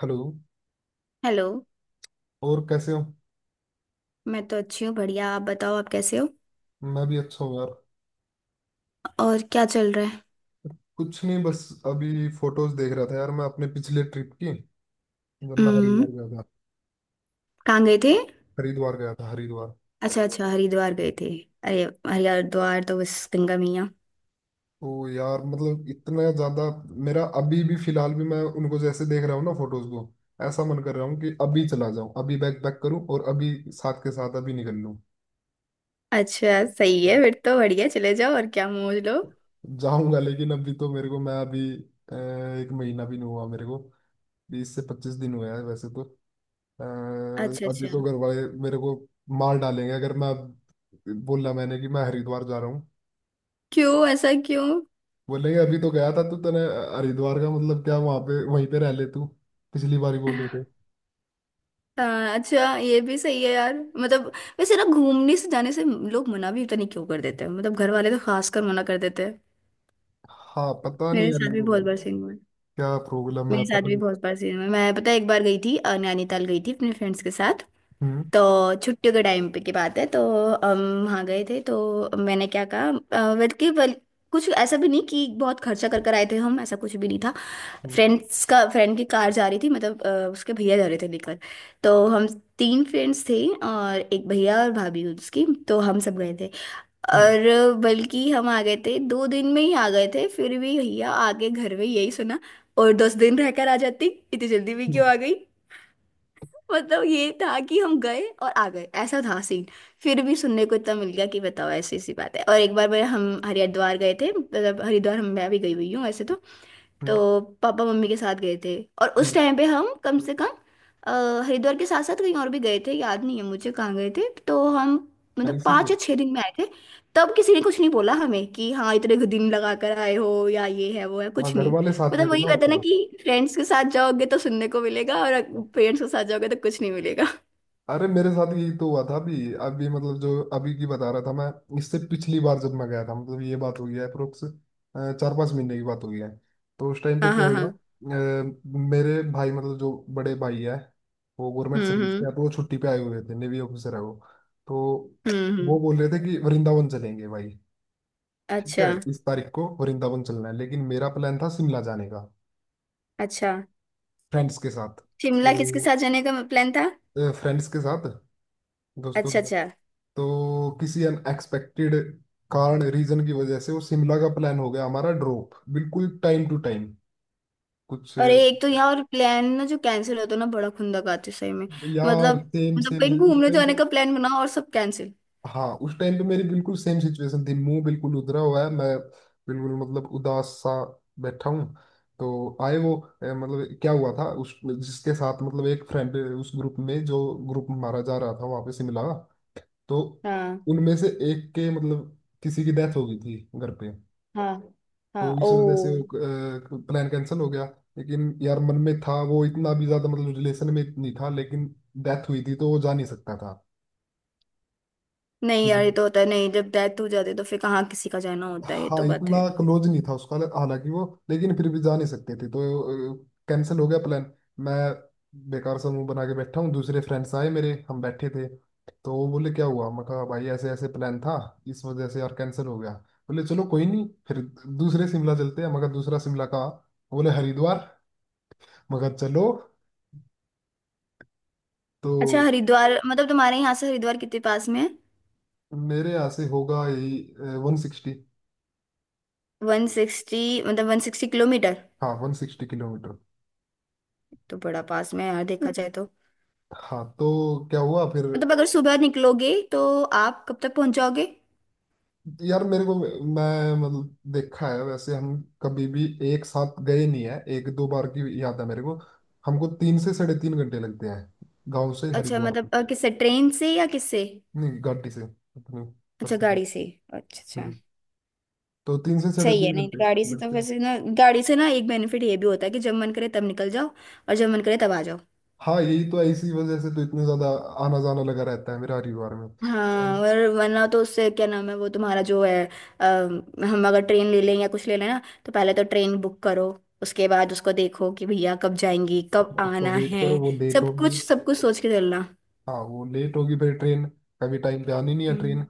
Hello. Hello. और कैसे हो? मैं तो अच्छी हूँ, बढ़िया। आप बताओ, आप कैसे हो? मैं भी अच्छा हूँ यार। और क्या चल रहा है? कुछ नहीं, बस अभी फोटोज देख रहा था यार, मैं अपने पिछले ट्रिप की। जब मैं हरिद्वार हम्म। गया था। कहाँ गए थे? हरिद्वार गया था, हरिद्वार। अच्छा अच्छा, हरिद्वार गए थे। अरे हरिद्वार तो बस गंगा मैया। तो यार मतलब इतना ज्यादा मेरा अभी भी, फिलहाल भी, मैं उनको जैसे देख रहा हूँ ना फोटोज को, ऐसा मन कर रहा हूँ कि अभी चला जाऊँ, अभी बैक पैक करूँ और अभी साथ के साथ अभी निकल लूँ। अच्छा सही है, हाँ। फिर तो बढ़िया, चले जाओ और क्या मौज लो। जाऊंगा, लेकिन अभी तो मेरे को, मैं अभी अ, एक महीना भी नहीं हुआ मेरे को। 20 से 25 दिन हुआ है वैसे तो। अ, अच्छा अभी अच्छा। तो घर वाले मेरे को मार डालेंगे अगर मैं अब बोला मैंने कि मैं हरिद्वार जा रहा हूँ। क्यों, ऐसा क्यों? बोलेंगे अभी तो गया था तू, तने हरिद्वार का मतलब क्या, वहां पे वहीं पे रह ले तू। पिछली बार ही बोल रहे थे। आ, अच्छा ये भी सही है यार, मतलब वैसे ना, घूमने से, जाने से लोग मना भी पता नहीं क्यों कर देते हैं, मतलब घर वाले तो खास कर मना कर देते हैं। हाँ पता नहीं मेरे यार साथ भी इनको बहुत बार सीन हुआ है। क्या प्रॉब्लम है, मेरे साथ पता भी नहीं। बहुत बार सीन हुआ है। मैं, पता है, एक बार गई थी, नैनीताल गई थी अपने फ्रेंड्स के साथ। हम्म। तो छुट्टियों के टाइम पे की बात है, तो हम वहाँ गए थे। तो मैंने क्या कहा, बल्कि कुछ ऐसा भी नहीं कि बहुत खर्चा कर कर आए थे हम, ऐसा कुछ भी नहीं था। हम्म। फ्रेंड्स का, फ्रेंड की कार जा रही थी, मतलब उसके भैया जा रहे थे लेकर। तो हम तीन फ्रेंड्स थे और एक भैया और भाभी उसकी, तो हम सब गए थे। हम्म। और बल्कि हम आ गए थे, 2 दिन में ही आ गए थे। फिर भी भैया आगे घर में यही सुना, और 10 दिन रहकर आ जाती, इतनी जल्दी भी हम्म। क्यों आ गई। मतलब ये था कि हम गए और आ गए, ऐसा था सीन। फिर भी सुनने को इतना मिल गया कि बताओ, ऐसी ऐसी बात है। और एक बार मैं हम हरिद्वार गए थे, मतलब हरिद्वार, हम, मैं भी गई हुई हूँ वैसे तो। हम्म, तो पापा मम्मी के साथ गए थे। और उस हम्म। टाइम पे हम कम से कम हरिद्वार के साथ साथ कहीं और भी गए थे, याद नहीं है मुझे कहाँ गए थे। तो हम अरे मतलब पाँच इसीलिए या छः दिन में आए थे। तब किसी ने कुछ नहीं बोला हमें कि हाँ इतने दिन लगा कर आए हो या ये है वो है, हाँ कुछ घर नहीं। वाले साथ में मतलब थे वही ना उस कहते हैं ना टाइम। कि फ्रेंड्स के साथ जाओगे तो सुनने को मिलेगा, और पेरेंट्स के साथ जाओगे तो कुछ नहीं मिलेगा। अरे मेरे साथ यही तो हुआ था अभी अभी, मतलब जो अभी की बता रहा था मैं। इससे पिछली बार जब मैं गया था, मतलब ये बात हो गया है अप्रोक्स 4-5 महीने की बात हो गया है। तो उस टाइम पे हाँ क्या हाँ हाँ। हुआ मेरे भाई, मतलब जो बड़े भाई है, वो गवर्नमेंट सर्विस के हम्म। हैं, तो वो छुट्टी पे आए हुए थे, नेवी ऑफिसर है वो। तो हम्म वो हम्म। बोल रहे थे कि वृंदावन चलेंगे भाई। ठीक है, अच्छा इस तारीख को वृंदावन चलना है, लेकिन मेरा प्लान था शिमला जाने का, अच्छा। फ्रेंड्स के साथ। शिमला किसके तो साथ जाने का प्लान था? फ्रेंड्स के साथ, दोस्तों। अच्छा अच्छा। तो किसी अनएक्सपेक्टेड कारण, रीजन की वजह से वो शिमला का प्लान हो गया हमारा ड्रॉप। बिल्कुल टाइम टू टाइम कुछ। अरे एक तो यहाँ और, प्लान ना जो कैंसिल होता है ना, बड़ा खुंदक आती है सही में। मतलब, यार सेम मतलब सेम कहीं उस घूमने टाइम जाने पे। का प्लान बना और सब कैंसिल। हाँ उस टाइम पे मेरी बिल्कुल सेम सिचुएशन थी, मुंह बिल्कुल उधरा हुआ है, मैं बिल्कुल मतलब उदास सा बैठा हूँ। तो आए वो। मतलब क्या हुआ था उस जिसके साथ, मतलब एक फ्रेंड उस ग्रुप में जो ग्रुप हमारा जा रहा था वहां पे शिमला। तो हाँ उनमें से एक के मतलब किसी की डेथ हो गई थी घर पे। हाँ तो हाँ। इस वजह से ओ, प्लान कैंसिल हो गया। लेकिन यार मन में था, वो इतना भी ज्यादा मतलब रिलेशन में नहीं था, लेकिन डेथ हुई थी तो वो जा नहीं सकता था। नहीं यार ये हम्म। तो होता है। नहीं, जब डेथ हो जाती है तो फिर कहाँ किसी का जाना होता है, ये हाँ तो बात इतना है। क्लोज नहीं था उसका हालांकि वो, लेकिन फिर भी जा नहीं सकते थे, तो कैंसिल हो गया प्लान। मैं बेकार सा मुंह बना के बैठा हूँ, दूसरे फ्रेंड्स आए मेरे, हम बैठे थे, तो वो बोले क्या हुआ। मैं कहा भाई ऐसे ऐसे प्लान था, इस वजह से यार कैंसिल हो गया। बोले चलो कोई नहीं, फिर दूसरे शिमला चलते हैं। मगर दूसरा शिमला कहाँ? बोले हरिद्वार। मगर चलो। तो अच्छा हरिद्वार, मतलब तुम्हारे यहाँ से हरिद्वार कितने पास में है? मेरे यहाँ से होगा यही 160। 160। मतलब 160 किलोमीटर? हाँ 160 किलोमीटर। तो बड़ा पास में है यार, देखा जाए तो। हाँ। तो क्या हुआ फिर? मतलब अगर सुबह निकलोगे तो आप कब तक पहुंच जाओगे? यार मेरे को, मैं मतलब देखा है, वैसे हम कभी भी एक साथ गए नहीं है, एक दो बार की याद है मेरे को। हमको 3 से साढ़े 3 घंटे लगते हैं गांव से अच्छा, हरिद्वार मतलब तक। किससे, ट्रेन से या किससे? नहीं गाड़ी से अपने उधर अच्छा, से। गाड़ी से। अच्छा अच्छा। हम्म। तो तीन से साढ़े सही है, तीन नहीं घंटे तो गाड़ी से तो लगते हैं। वैसे ना, गाड़ी से ना एक बेनिफिट ये भी होता है कि जब मन करे तब निकल जाओ और जब मन करे तब आ जाओ। हाँ यही तो है, इसी वजह से तो इतने ज्यादा आना जाना लगा रहता है मेरा हरिद्वार में। हाँ, हम्म। और वरना तो उससे क्या नाम है, वो तुम्हारा जो है, अ, हम अगर ट्रेन ले लें या कुछ ले लें ना, तो पहले तो ट्रेन बुक करो, उसके बाद उसको देखो कि भैया कब जाएंगी कब उसका आना वेट है, करो, वो लेट होगी। सब कुछ सोच के चलना। हाँ वो लेट होगी, फिर ट्रेन कभी टाइम पे आनी नहीं है हम्म ट्रेन।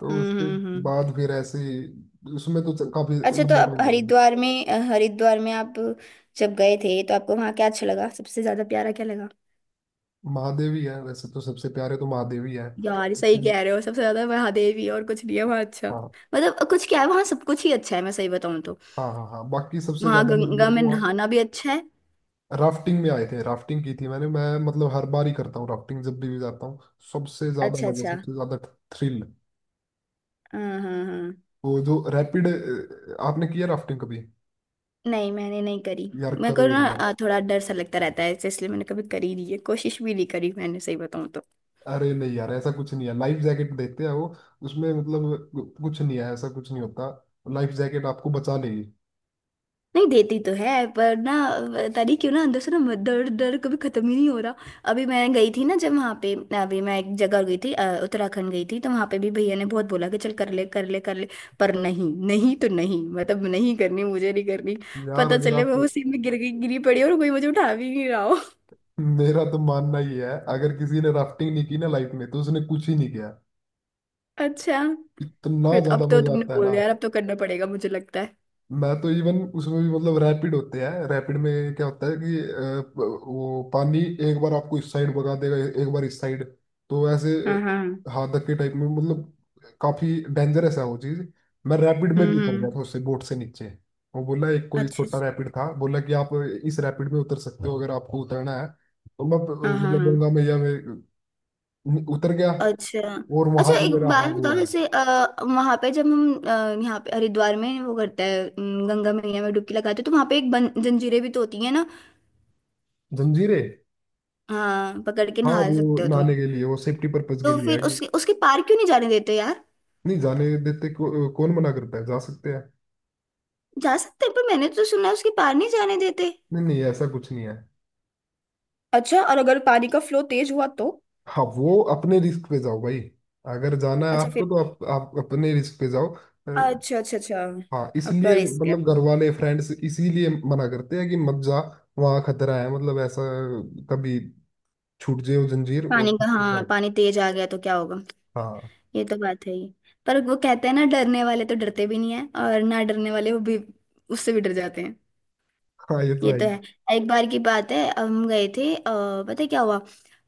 तो उसके हम्म। हम्म। बाद फिर ऐसे ही- उसमें तो काफी अच्छा, तो लंबा आप टाइम लगेगा। हरिद्वार में, हरिद्वार में आप जब गए थे तो आपको वहाँ क्या अच्छा लगा, सबसे ज्यादा प्यारा क्या लगा? महादेव ही है वैसे तो, सबसे प्यारे तो महादेव ही है, यार ये सही लेकिन- कह रहे हो, सबसे ज्यादा महादेव ही है, और कुछ नहीं है वहाँ। अच्छा, हाँ। मतलब कुछ, क्या है वहाँ, सब कुछ ही अच्छा है, मैं सही बताऊँ तो। हाँ हाँ हाँ बाकी सबसे वहाँ ज्यादा मजे गंगा मेरे को में वहाँ नहाना भी अच्छा है। राफ्टिंग में आए थे, राफ्टिंग की थी मैंने। मैं मतलब हर बार ही करता हूँ राफ्टिंग जब भी जाता हूँ। सबसे ज्यादा अच्छा मजा, अच्छा। सबसे ज्यादा थ्रिल, हाँ हाँ हाँ। वो जो रैपिड। आपने किया राफ्टिंग कभी? नहीं मैंने नहीं करी। यार मेरे को करो ना एक बार। थोड़ा डर सा लगता रहता है, इसलिए मैंने कभी करी नहीं है, कोशिश भी नहीं करी मैंने सही बताऊँ तो। अरे नहीं यार ऐसा कुछ नहीं है, लाइफ जैकेट देखते हैं वो, उसमें मतलब कुछ नहीं है, ऐसा कुछ नहीं होता। लाइफ जैकेट आपको बचा लेगी। नहीं देती तो है, पर ना तारी क्यों ना अंदर से ना दर्द, दर्द कभी खत्म ही नहीं हो रहा। अभी मैं गई थी ना, जब वहाँ पे। अभी मैं एक जगह गई थी, उत्तराखंड गई थी, तो वहाँ पे भी भैया ने बहुत बोला कि चल कर ले कर ले कर ले। पर नहीं, नहीं तो नहीं, मतलब नहीं करनी, मुझे नहीं करनी। यार पता अगर चले आप, मैं उसी में गिर गई, गिरी पड़ी और कोई मुझे उठा भी नहीं रहा हो। मेरा तो मानना ही है, अगर किसी ने राफ्टिंग नहीं की ना लाइफ में तो उसने कुछ ही नहीं किया। अच्छा इतना फिर तो, अब ज्यादा तो मजा तुमने आता है बोल ना। दिया यार, अब तो करना पड़ेगा मुझे लगता है। मैं तो इवन उसमें भी मतलब रैपिड होते हैं, रैपिड में क्या होता है कि वो पानी एक बार आपको इस साइड भगा देगा, एक बार इस साइड। तो ऐसे हाँ हाँ। हाथ धक्के टाइप में, मतलब काफी डेंजरस है वो चीज। मैं रैपिड में भी उतर गया हम्म। था उससे, बोट से नीचे। वो बोला एक कोई अच्छा अच्छा। छोटा रैपिड था, बोला कि आप इस रैपिड में उतर सकते हो अगर आपको उतरना है, तो मैं हाँ हाँ मतलब हाँ। गंगा मैया में उतर गया। अच्छा और अच्छा। वहां भी एक मेरा बात हाल बताओ, हुआ है। जैसे वहां पे जब हम, यहाँ पे हरिद्वार में वो करते हैं, गंगा मैया में डुबकी लगाते हैं, तो वहां पे जंजीरें भी तो होती है ना। जंजीरें? हाँ, पकड़ के हाँ नहा वो सकते हो तुम। नहाने के लिए, वो सेफ्टी पर्पज के तो लिए है। फिर उसके उसके पार क्यों नहीं जाने देते यार? नहीं जाने देते को, कौन मना करता है, जा सकते हैं। जा सकते हैं, पर मैंने तो सुना है उसके पार नहीं जाने देते। नहीं नहीं ऐसा कुछ नहीं है। अच्छा, और अगर पानी का फ्लो तेज हुआ तो? हाँ वो अपने रिस्क पे जाओ भाई, अगर जाना है अच्छा आपको फिर। तो आप अपने रिस्क पे जाओ। अ, अच्छा अच्छा अच्छा। हाँ अपना इसलिए रिस्क है। मतलब घर वाले फ्रेंड्स इसीलिए मना करते हैं कि मत जा, वहाँ खतरा है, मतलब ऐसा कभी छूट जाओ जंजीर पानी और का, हाँ जाओ। पानी तेज आ गया तो क्या होगा? हाँ। ये तो बात है ही। पर वो कहते हैं ना, डरने वाले तो डरते भी नहीं है, और ना डरने वाले वो भी उससे भी डर जाते। हाँ ये तो ये है तो ही। है। एक बार की बात है, हम गए थे, पता है क्या हुआ?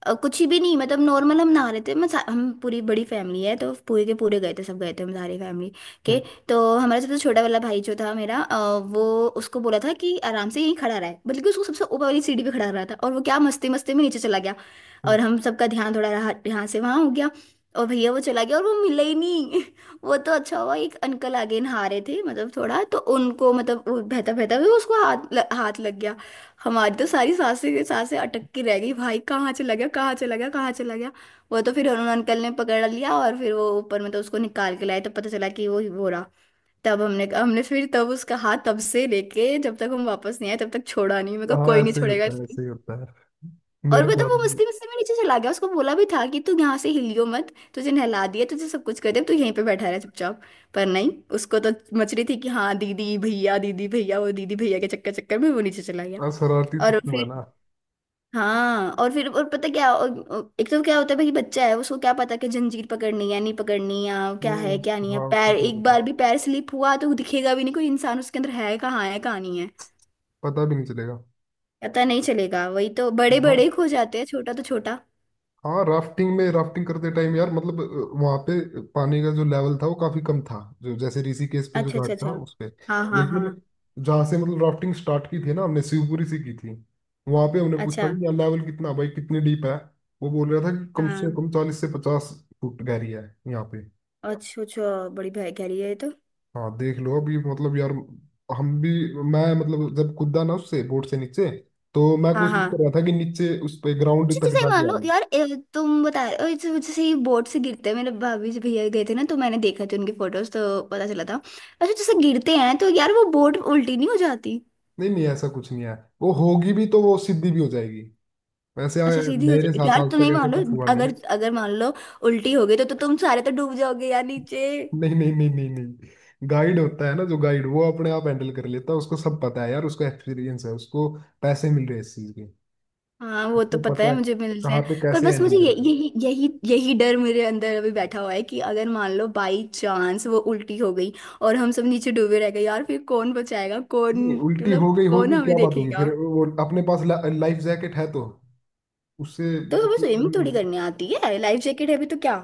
कुछ ही भी नहीं, मतलब नॉर्मल हम नहा रहे थे। हम पूरी बड़ी फैमिली है, तो पूरे के पूरे गए थे, सब गए थे हम सारी फैमिली के। हम्म। तो हमारा सबसे छोटा वाला भाई जो था मेरा, वो उसको बोला था कि आराम से यहीं खड़ा रहा है, बल्कि उसको सबसे ऊपर वाली सीढ़ी पे खड़ा रहा था, और वो क्या मस्ती मस्ती में नीचे चला गया। हम्म। और हम सबका ध्यान थोड़ा रहा, यहाँ से वहाँ हो गया। और भैया वो चला गया और वो मिला ही नहीं। वो तो अच्छा हुआ, एक अंकल आगे नहा रहे थे, मतलब थोड़ा तो उनको, मतलब वो बहता बहता भी उसको हाथ लग गया। हमारी तो सारी सांसें की सांसें अटक के रह गई भाई, कहाँ चला गया कहाँ चला गया कहाँ चला गया। वो तो फिर उन्होंने, अंकल ने पकड़ लिया, और फिर वो ऊपर, मतलब उसको निकाल के लाए, तो पता चला कि वो ही वो रहा। तब हमने हमने फिर तब उसका हाथ तब से लेके जब तक हम वापस नहीं आए तब तक छोड़ा नहीं, मेरे को हाँ कोई नहीं ऐसे ही छोड़ेगा। होता है, ऐसे ही होता है और मेरे मतलब साथ वो भी। मस्ती मस्ती में नीचे चला गया, उसको बोला भी था कि तू यहाँ से हिलियो मत, तुझे नहला दिया तुझे सब कुछ कर दिया, अब तू यहीं पे बैठा रहा चुपचाप। पर नहीं, उसको तो मच रही थी कि हाँ दीदी भैया दीदी भैया, वो दीदी भैया के चक्कर चक्कर में वो नीचे चला गया। हाँ, शरारती और तत्व है फिर, ना हाँ और फिर, और पता क्या, और एक तो क्या होता है भाई, बच्चा है, उसको क्या पता कि जंजीर पकड़नी है नहीं पकड़नी या क्या है वो। क्या नहीं है। हाँ उसको पैर क्या एक पता, बार भी पैर स्लिप हुआ तो दिखेगा भी नहीं कोई इंसान, उसके अंदर है कहाँ नहीं है, पता भी नहीं चलेगा। पता नहीं चलेगा। वही तो बड़े वाह। बड़े खो जाते हैं, छोटा तो छोटा। हाँ राफ्टिंग में, राफ्टिंग करते टाइम यार, मतलब वहां पे पानी का जो लेवल था वो काफी कम था, जो जैसे ऋषिकेश पे जो अच्छा अच्छा घाट अच्छा। था उस पे। हाँ हाँ हाँ। लेकिन जहाँ से मतलब राफ्टिंग स्टार्ट की थी ना हमने, शिवपुरी से की थी, वहां पे हमने पूछा अच्छा। कि यार लेवल कितना है भाई, कितनी डीप है। वो बोल रहा था कि कम से हाँ। कम 40 से 50 फुट गहरी है यहाँ पे। अच्छा अच्छा, बड़ी भाई कह रही है ये तो। हाँ देख लो अभी, मतलब यार, हम भी, मैं मतलब जब कूदा ना उससे बोट से नीचे, तो मैं हाँ कोशिश कर हाँ। रहा था कि नीचे उस पे ग्राउंड अच्छा तक जैसे ही मान जाके लो आऊँ। यार, ए, तुम बता अ, जैसे जैसे ही बोट से गिरते हैं, मेरे भाभी जी भैया गए थे ना, तो मैंने देखा थे उनके फोटोज, तो पता चला था। अच्छा जैसे गिरते हैं तो यार वो बोट उल्टी नहीं हो जाती? नहीं नहीं ऐसा कुछ नहीं है, वो होगी भी तो वो सिद्धि भी हो जाएगी वैसे। अच्छा सीधी हो मेरे जाती साथ यार, आज तुम नहीं तक ऐसा मान लो, कुछ हुआ नहीं। अगर अगर मान लो उल्टी हो गई तो तुम सारे तो डूब जाओगे यार नीचे। नहीं नहीं नहीं नहीं नहीं। गाइड होता है ना, जो गाइड वो अपने आप हैंडल कर लेता है, उसको सब पता है यार, उसको एक्सपीरियंस है, उसको पैसे मिल रहे हैं इस चीज के। हाँ वो तो उसको पता पता है, है मुझे मिलते कहाँ हैं। पे पर कैसे बस हैंडल मुझे ये करना है। यही यही यही डर मेरे अंदर अभी बैठा हुआ है कि अगर मान लो बाई चांस वो उल्टी हो गई और हम सब नीचे डूबे रह गए यार, फिर कौन बचाएगा, कौन नहीं उल्टी हो मतलब गई कौन होगी हमें क्या बात होगी, देखेगा। फिर वो अपने पास लाइफ जैकेट है तो उससे तो हमें swim कर स्विमिंग लेंगे थोड़ी ना। करनी आती है, लाइफ जैकेट है भी तो क्या,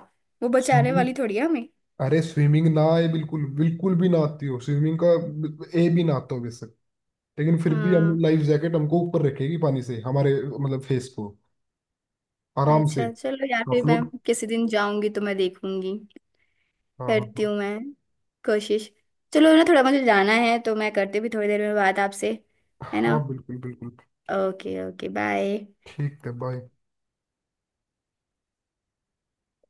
वो बचाने स्विमिंग। वाली थोड़ी है हमें। अरे स्विमिंग ना आए, बिल्कुल बिल्कुल भी ना आती हो, स्विमिंग का ए भी ना आता हो बेशक, लेकिन फिर भी हाँ। हम लाइफ जैकेट हमको ऊपर रखेगी पानी से, हमारे मतलब फेस को। आराम से। अच्छा चलो यार हाँ फिर मैं फ्लोट। किसी दिन जाऊंगी तो मैं देखूंगी, हाँ करती हाँ। हूँ मैं कोशिश। चलो ना, थोड़ा मुझे जाना है, तो मैं करती भी थोड़ी देर में बात आपसे, है हाँ, ना? हाँ, बिल्कुल बिल्कुल। Okay okay bye. ठीक है, बाय।